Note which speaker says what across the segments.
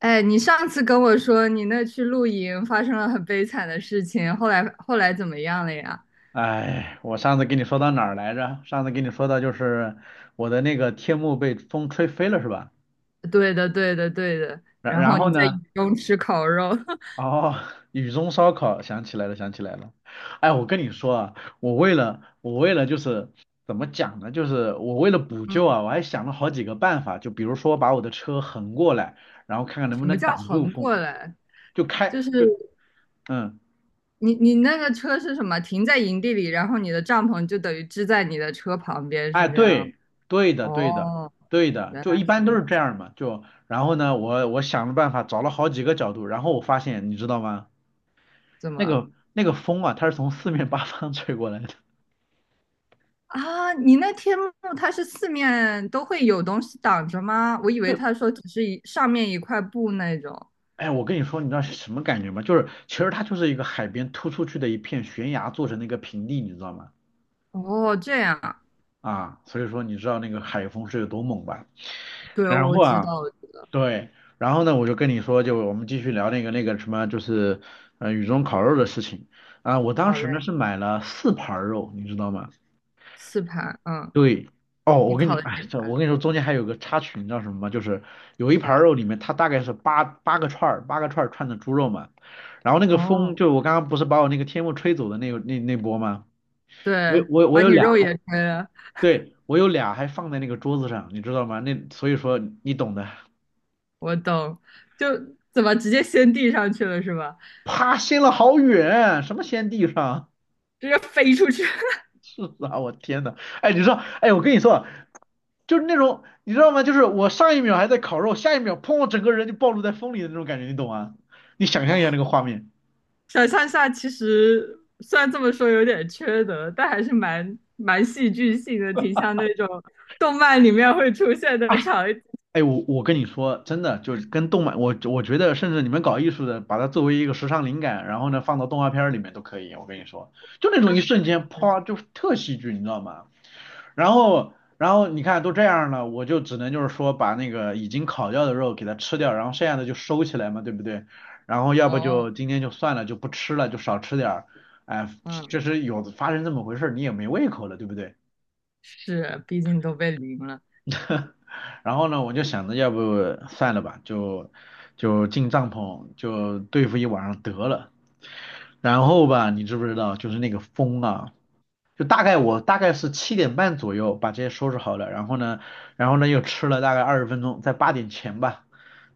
Speaker 1: 哎，你上次跟我说你那去露营发生了很悲惨的事情，后来怎么样了呀？
Speaker 2: 哎，我上次跟你说到哪儿来着？上次跟你说到就是我的那个天幕被风吹飞了，是吧？
Speaker 1: 对的，对的，对的。
Speaker 2: 然
Speaker 1: 然
Speaker 2: 然
Speaker 1: 后
Speaker 2: 后
Speaker 1: 你在
Speaker 2: 呢？
Speaker 1: 雨中吃烤肉，
Speaker 2: 哦，雨中烧烤，想起来了，想起来了。哎，我跟你说啊，我为了就是怎么讲呢？就是我为了补救
Speaker 1: 嗯，
Speaker 2: 啊，我还想了好几个办法，就比如说把我的车横过来，然后看看能不
Speaker 1: 什么
Speaker 2: 能
Speaker 1: 叫
Speaker 2: 挡住
Speaker 1: 横
Speaker 2: 风，
Speaker 1: 过来？
Speaker 2: 就开
Speaker 1: 就是
Speaker 2: 就嗯。
Speaker 1: 你那个车是什么？停在营地里，然后你的帐篷就等于支在你的车旁边，
Speaker 2: 哎，
Speaker 1: 是这样吗？
Speaker 2: 对，对的，对的，
Speaker 1: 哦，
Speaker 2: 对的，
Speaker 1: 原来
Speaker 2: 就一般都
Speaker 1: 如
Speaker 2: 是这
Speaker 1: 此，
Speaker 2: 样嘛。就然后呢，我想了办法，找了好几个角度，然后我发现，你知道吗？
Speaker 1: 怎
Speaker 2: 那
Speaker 1: 么
Speaker 2: 个那个风啊，它是从四面八方 吹过来的。
Speaker 1: 啊？你那天幕它是四面都会有东西挡着吗？我以为
Speaker 2: 就
Speaker 1: 他说只是一上面一块布那种。
Speaker 2: 哎，我跟你说，你知道是什么感觉吗？就是其实它就是一个海边突出去的一片悬崖做成的一个平地，你知道吗？
Speaker 1: 哦，这样，啊，
Speaker 2: 啊，所以说你知道那个海风是有多猛吧？
Speaker 1: 对，
Speaker 2: 然
Speaker 1: 我
Speaker 2: 后
Speaker 1: 知
Speaker 2: 啊。
Speaker 1: 道，我知道。
Speaker 2: 对，然后呢，我就跟你说，就我们继续聊那个什么，就是雨中烤肉的事情啊、我当
Speaker 1: 好
Speaker 2: 时呢
Speaker 1: 嘞，
Speaker 2: 是买了4盘儿肉，你知道吗？
Speaker 1: 四盘，嗯，
Speaker 2: 对，哦，
Speaker 1: 你
Speaker 2: 我跟
Speaker 1: 考
Speaker 2: 你，
Speaker 1: 了
Speaker 2: 哎，
Speaker 1: 几
Speaker 2: 这
Speaker 1: 盘？
Speaker 2: 我跟你说，中间还有个插曲，你知道什么吗？就是有一盘儿
Speaker 1: 啥？
Speaker 2: 肉里面，它大概是八个串儿，八个串儿串的猪肉嘛。然后那个风，
Speaker 1: 哦，
Speaker 2: 就我刚刚不是把我那个天幕吹走的那波吗？我有
Speaker 1: 对，
Speaker 2: 我有我
Speaker 1: 把
Speaker 2: 有
Speaker 1: 你
Speaker 2: 俩
Speaker 1: 肉
Speaker 2: 还，
Speaker 1: 也吹了。
Speaker 2: 对，我有俩还放在那个桌子上，你知道吗？那所以说你懂的，
Speaker 1: 我懂。就怎么直接先递上去了是吧？
Speaker 2: 啪，掀了好远，什么掀地上？
Speaker 1: 直接飞出去。
Speaker 2: 是啊，我天呐，哎，你知道，哎，我跟你说啊就是那种，你知道吗？就是我上一秒还在烤肉，下一秒砰，我整个人就暴露在风里的那种感觉，你懂吗？你想象一下那个画面。
Speaker 1: 想象下其实虽然这么说有点缺德，但还是蛮戏剧性的，挺像那种动漫里面会出现的场景。
Speaker 2: 哎，我跟你说，真的，就是跟动漫，我觉得，甚至你们搞艺术的，把它作为一个时尚灵感，然后呢，放到动画片儿里面都可以。我跟你说，就那种一瞬间，啪，就是特戏剧，你知道吗？然后，然后你看都这样了，我就只能就是说把那个已经烤掉的肉给它吃掉，然后剩下的就收起来嘛，对不对？然后要不
Speaker 1: 哦，
Speaker 2: 就今天就算了，就不吃了，就少吃点儿。哎，
Speaker 1: 嗯，
Speaker 2: 这是有的发生这么回事儿，你也没胃口了，对不对？
Speaker 1: 是，毕竟都被淋了。
Speaker 2: 然后呢，我就想着要不算了吧，就进帐篷就对付一晚上得了。然后吧，你知不知道，就是那个风啊，就大概我大概是7点半左右把这些收拾好了，然后呢又吃了大概20分钟，在8点前吧，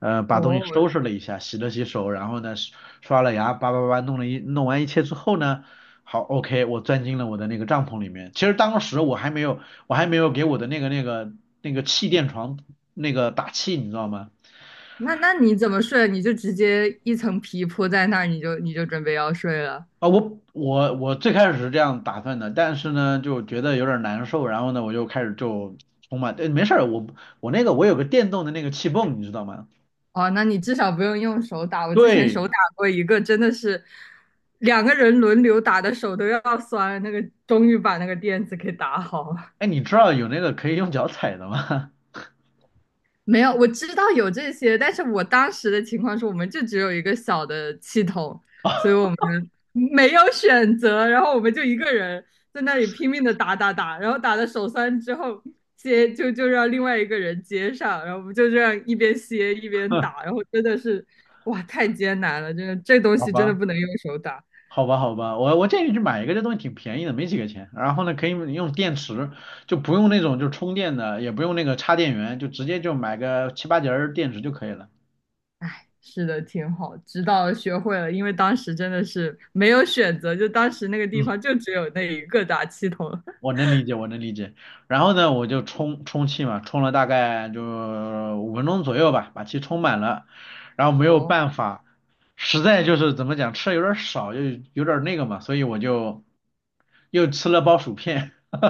Speaker 2: 把东西收
Speaker 1: 哦，
Speaker 2: 拾了一下，洗了洗手，然后呢刷了牙，叭叭叭弄完一切之后呢，好，OK，我钻进了我的那个帐篷里面。其实当时我还没有给我的那个那个气垫床那个打气，你知道吗？
Speaker 1: 那你怎么睡？你就直接一层皮铺在那儿，你就准备要睡了。
Speaker 2: 啊，我最开始是这样打算的，但是呢，就觉得有点难受，然后呢，我就开始就充满，哎，没事儿，我有个电动的那个气泵，你知道吗？
Speaker 1: 哦，那你至少不用用手打。我之前
Speaker 2: 对，
Speaker 1: 手打过一个，真的是两个人轮流打的手都要酸了，那个终于把那个垫子给打好了。
Speaker 2: 哎，你知道有那个可以用脚踩的吗？
Speaker 1: 没有，我知道有这些，但是我当时的情况是，我们就只有一个小的气筒，所以 我们没有选择，然后我们就一个人在那里拼命的打，然后打的手酸之后接就让另外一个人接上，然后我们就这样一边歇一边
Speaker 2: 哼
Speaker 1: 打，然后真的是哇，太艰难了，真的这东
Speaker 2: 好
Speaker 1: 西真的
Speaker 2: 吧，
Speaker 1: 不能用手打。
Speaker 2: 好吧，好吧，我建议你去买一个，这东西挺便宜的，没几个钱。然后呢，可以用电池，就不用那种就充电的，也不用那个插电源，就直接就买个七八节儿电池就可以了。
Speaker 1: 是的，挺好，直到学会了，因为当时真的是没有选择，就当时那个地
Speaker 2: 嗯。
Speaker 1: 方就只有那一个打气筒。
Speaker 2: 我 能理解，我能理解。然后呢，我就充充气嘛，充了大概就5分钟左右吧，把气充满了。然后没有办
Speaker 1: 哦，
Speaker 2: 法，实在就是怎么讲，吃的有点少，又有点那个嘛，所以我就又吃了包薯片。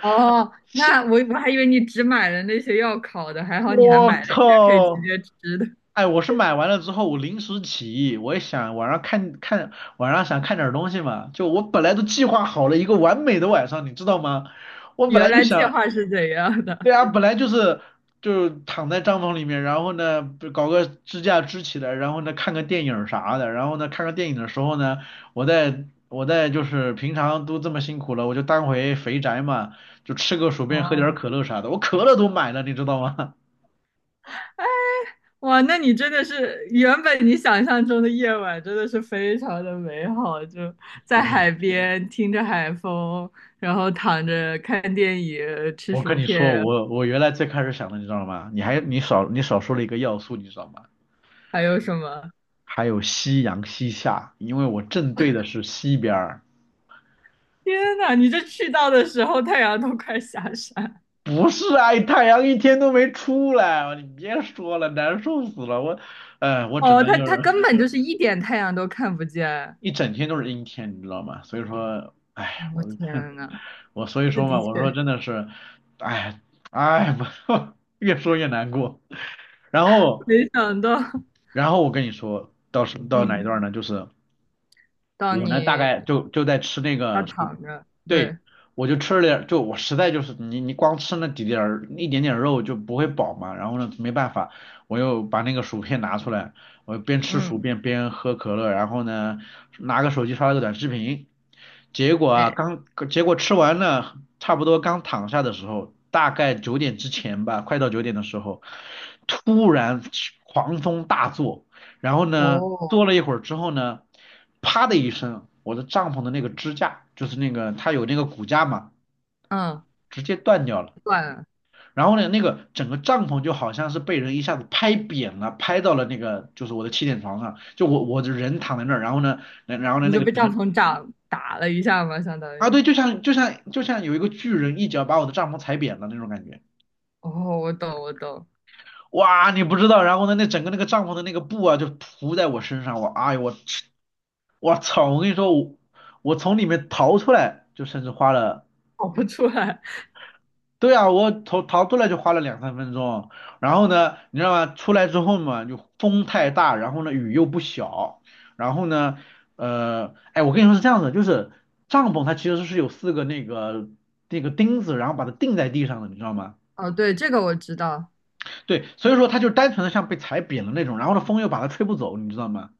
Speaker 1: 哦，那我还以为你只买了那些要烤的，还好你还买
Speaker 2: 我
Speaker 1: 了一些可以直
Speaker 2: 靠！
Speaker 1: 接吃的。
Speaker 2: 哎，我是买完了之后，我临时起意，我也想晚上看看，晚上想看点儿东西嘛。就我本来都计划好了一个完美的晚上，你知道吗？我本来
Speaker 1: 原
Speaker 2: 就
Speaker 1: 来计
Speaker 2: 想。
Speaker 1: 划是怎样的？
Speaker 2: 对啊，本来就是就躺在帐篷里面，然后呢不搞个支架支起来，然后呢看个电影儿啥的，然后呢看个电影的时候呢，我在我在就是平常都这么辛苦了，我就当回肥宅嘛，就吃个薯片，喝点儿
Speaker 1: 哦，
Speaker 2: 可乐啥的，我可乐都买了，你知道吗？
Speaker 1: 哇，那你真的是原本你想象中的夜晚真的是非常的美好，就 在
Speaker 2: 我
Speaker 1: 海边听着海风，然后躺着看电影、吃
Speaker 2: 我
Speaker 1: 薯
Speaker 2: 跟你
Speaker 1: 片，
Speaker 2: 说，我原来最开始想的，你知道吗？你少说了一个要素，你知道吗？
Speaker 1: 还有什么？
Speaker 2: 还有夕阳西下，因为我正对的是西边儿。
Speaker 1: 天呐，你这去到的时候太阳都快下山。
Speaker 2: 不是啊，太阳一天都没出来，你别说了，难受死了。我只
Speaker 1: 哦，
Speaker 2: 能
Speaker 1: 它
Speaker 2: 就
Speaker 1: 它
Speaker 2: 是
Speaker 1: 根本就是一点太阳都看不见。
Speaker 2: 一整天都是阴天，你知道吗？所以说，哎，
Speaker 1: 我、
Speaker 2: 我
Speaker 1: 天呐！
Speaker 2: 我所以
Speaker 1: 那
Speaker 2: 说嘛，
Speaker 1: 的
Speaker 2: 我说
Speaker 1: 确，
Speaker 2: 真的是，哎哎，我 越说越难过。然后
Speaker 1: 没想到，
Speaker 2: 我跟你说到哪一
Speaker 1: 嗯，
Speaker 2: 段呢？就是
Speaker 1: 当
Speaker 2: 我呢大
Speaker 1: 你
Speaker 2: 概就在吃那
Speaker 1: 要
Speaker 2: 个薯，
Speaker 1: 躺着，
Speaker 2: 对，
Speaker 1: 对，
Speaker 2: 我就吃了点儿就我实在就是你光吃那几点儿一点点肉就不会饱嘛，然后呢没办法，我又把那个薯片拿出来，我边吃薯
Speaker 1: 嗯，
Speaker 2: 片边喝可乐，然后呢拿个手机刷了个短视频，结果啊
Speaker 1: 哎，
Speaker 2: 刚结果吃完了差不多刚躺下的时候，大概九点之前吧，快到九点的时候，突然狂风大作。然后呢，
Speaker 1: 哦，
Speaker 2: 坐了一会儿之后呢，啪的一声，我的帐篷的那个支架，就是那个它有那个骨架嘛，
Speaker 1: 嗯，
Speaker 2: 直接断掉了。
Speaker 1: 算了，
Speaker 2: 然后呢，那个整个帐篷就好像是被人一下子拍扁了，拍到了那个就是我的气垫床上，就我的人躺在那儿，然后呢，然后呢
Speaker 1: 你
Speaker 2: 那
Speaker 1: 就
Speaker 2: 个
Speaker 1: 被
Speaker 2: 整
Speaker 1: 帐
Speaker 2: 个
Speaker 1: 篷打了一下嘛，相当
Speaker 2: 啊
Speaker 1: 于，
Speaker 2: 对，就像就像有一个巨人一脚把我的帐篷踩扁了那种感觉。
Speaker 1: 哦，我懂，我懂，
Speaker 2: 哇，你不知道，然后呢，那整个那个帐篷的那个布啊，就铺在我身上，我哎呦我去我操！我跟你说，我从里面逃出来，就甚至花了，
Speaker 1: 跑不出来，
Speaker 2: 对啊，我逃出来就花了2、3分钟，然后呢，你知道吗？出来之后嘛，就风太大，然后呢雨又不小，然后呢，哎，我跟你说是这样子，就是帐篷它其实是有4个那个钉子，然后把它钉在地上的，你知道吗？
Speaker 1: 哦，对，这个我知道，
Speaker 2: 对，所以说它就单纯的像被踩扁了那种，然后呢风又把它吹不走，你知道吗？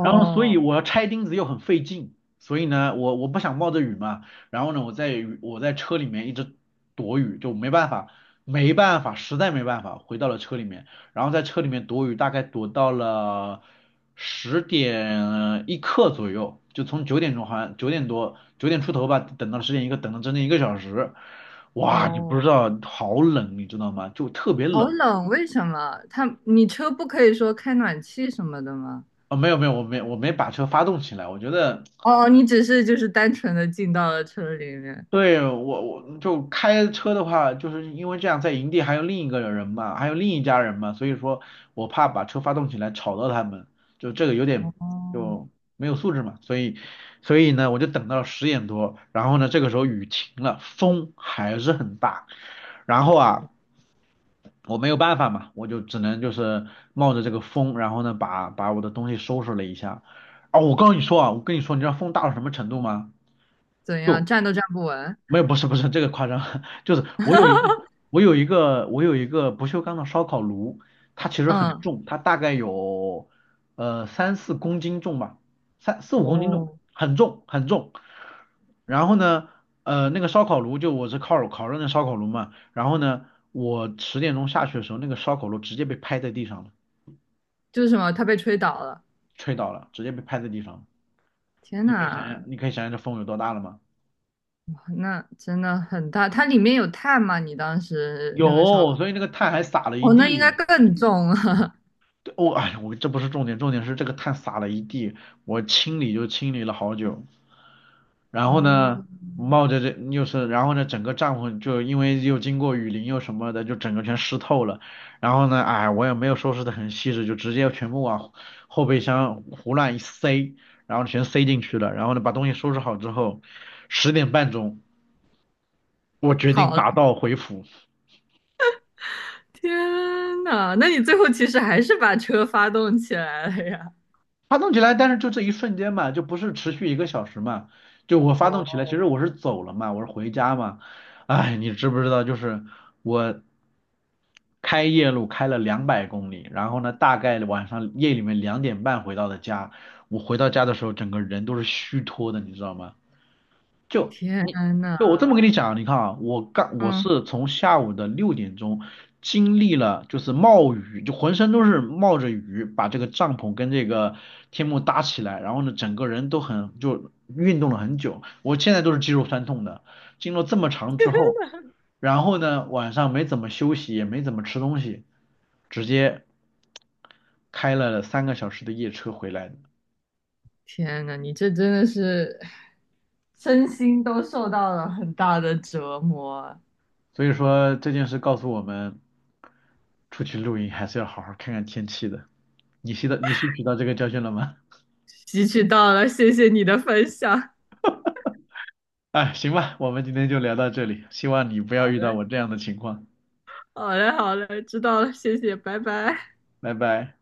Speaker 2: 然后所以我要拆钉子又很费劲，所以呢，我不想冒着雨嘛，然后呢，我在车里面一直躲雨，就没办法，没办法，实在没办法，回到了车里面，然后在车里面躲雨，大概躲到了十点一刻左右，就从9点钟好像9点多9点出头吧，等到十点一刻，等了整整1个小时，哇，你不
Speaker 1: 哦，
Speaker 2: 知道好冷，你知道吗？就特别
Speaker 1: 好
Speaker 2: 冷。
Speaker 1: 冷，为什么？他，你车不可以说开暖气什么的吗？
Speaker 2: 啊、没有没有，我没把车发动起来，我觉得
Speaker 1: 哦，你只是就是单纯的进到了车里面，
Speaker 2: 对，我就开车的话，就是因为这样在营地还有另一个人嘛，还有另一家人嘛，所以说我怕把车发动起来吵到他们，就这个有点
Speaker 1: 哦，
Speaker 2: 就没有素质嘛，所以呢，我就等到10点多，然后呢，这个时候雨停了，风还是很大，然后啊，我没有办法嘛，我就只能就是冒着这个风，然后呢，把我的东西收拾了一下。啊，我告诉你说啊，我跟你说，你知道风大到什么程度吗？
Speaker 1: 怎样，
Speaker 2: 就。
Speaker 1: 站都站不稳，
Speaker 2: 没有，不是这个夸张，就是我有一个 我有一个我有一个不锈钢的烧烤炉，它其实很
Speaker 1: 嗯。
Speaker 2: 重，它大概有三四公斤重吧，三四五公斤重，
Speaker 1: 哦，
Speaker 2: 很重很重。然后呢，那个烧烤炉就我是烤烤肉那烧烤炉嘛，然后呢，我10点钟下去的时候，那个烧烤炉直接被拍在地上了，
Speaker 1: 就是什么，他被吹倒了。
Speaker 2: 吹倒了，直接被拍在地上了。
Speaker 1: 天
Speaker 2: 你可以想想，
Speaker 1: 呐，
Speaker 2: 你可以想想这风有多大了吗？
Speaker 1: 哇那真的很大。它里面有碳吗？你当时那个烧
Speaker 2: 有，
Speaker 1: 烤？
Speaker 2: 所以那个碳还撒了一
Speaker 1: 哦，那应该
Speaker 2: 地。
Speaker 1: 更重了，
Speaker 2: 对我哎呀，我这不是重点，重点是这个碳撒了一地，我清理就清理了好久。然
Speaker 1: 哦，
Speaker 2: 后呢，冒着这又是，然后呢，整个帐篷就因为又经过雨淋又什么的，就整个全湿透了。然后呢，哎，我也没有收拾的很细致，就直接全部往后备箱胡乱一塞，然后全塞进去了。然后呢，把东西收拾好之后，10点半钟，我决定
Speaker 1: 跑了。
Speaker 2: 打道回府。
Speaker 1: 天呐，那你最后其实还是把车发动起来了呀？
Speaker 2: 发动起来，但是就这一瞬间嘛，就不是持续一个小时嘛。就我发动起来，
Speaker 1: 哦，
Speaker 2: 其实我是走了嘛，我是回家嘛。哎，你知不知道？就是我开夜路开了200公里，然后呢，大概晚上夜里面2点半回到的家。我回到家的时候，整个人都是虚脱的，你知道吗？就
Speaker 1: 天
Speaker 2: 你
Speaker 1: 呐，
Speaker 2: 就我这么跟你讲，你看啊，我
Speaker 1: 嗯，
Speaker 2: 是从下午的6点钟经历了就是冒雨，就浑身都是冒着雨，把这个帐篷跟这个天幕搭起来，然后呢，整个人都很就运动了很久，我现在都是肌肉酸痛的。经过这么长之后，然后呢，晚上没怎么休息，也没怎么吃东西，直接开了3个小时的夜车回来的。
Speaker 1: 天呐，你这真的是身心都受到了很大的折磨啊，
Speaker 2: 所以说这件事告诉我们，出去露营还是要好好看看天气的。你吸取到这个教训了吗？
Speaker 1: 吸取到了，谢谢你的分享。
Speaker 2: 哎，行吧，我们今天就聊到这里，希望你不要遇到我这样的情况。
Speaker 1: 好嘞，好嘞，知道了，谢谢，拜拜。
Speaker 2: 拜拜。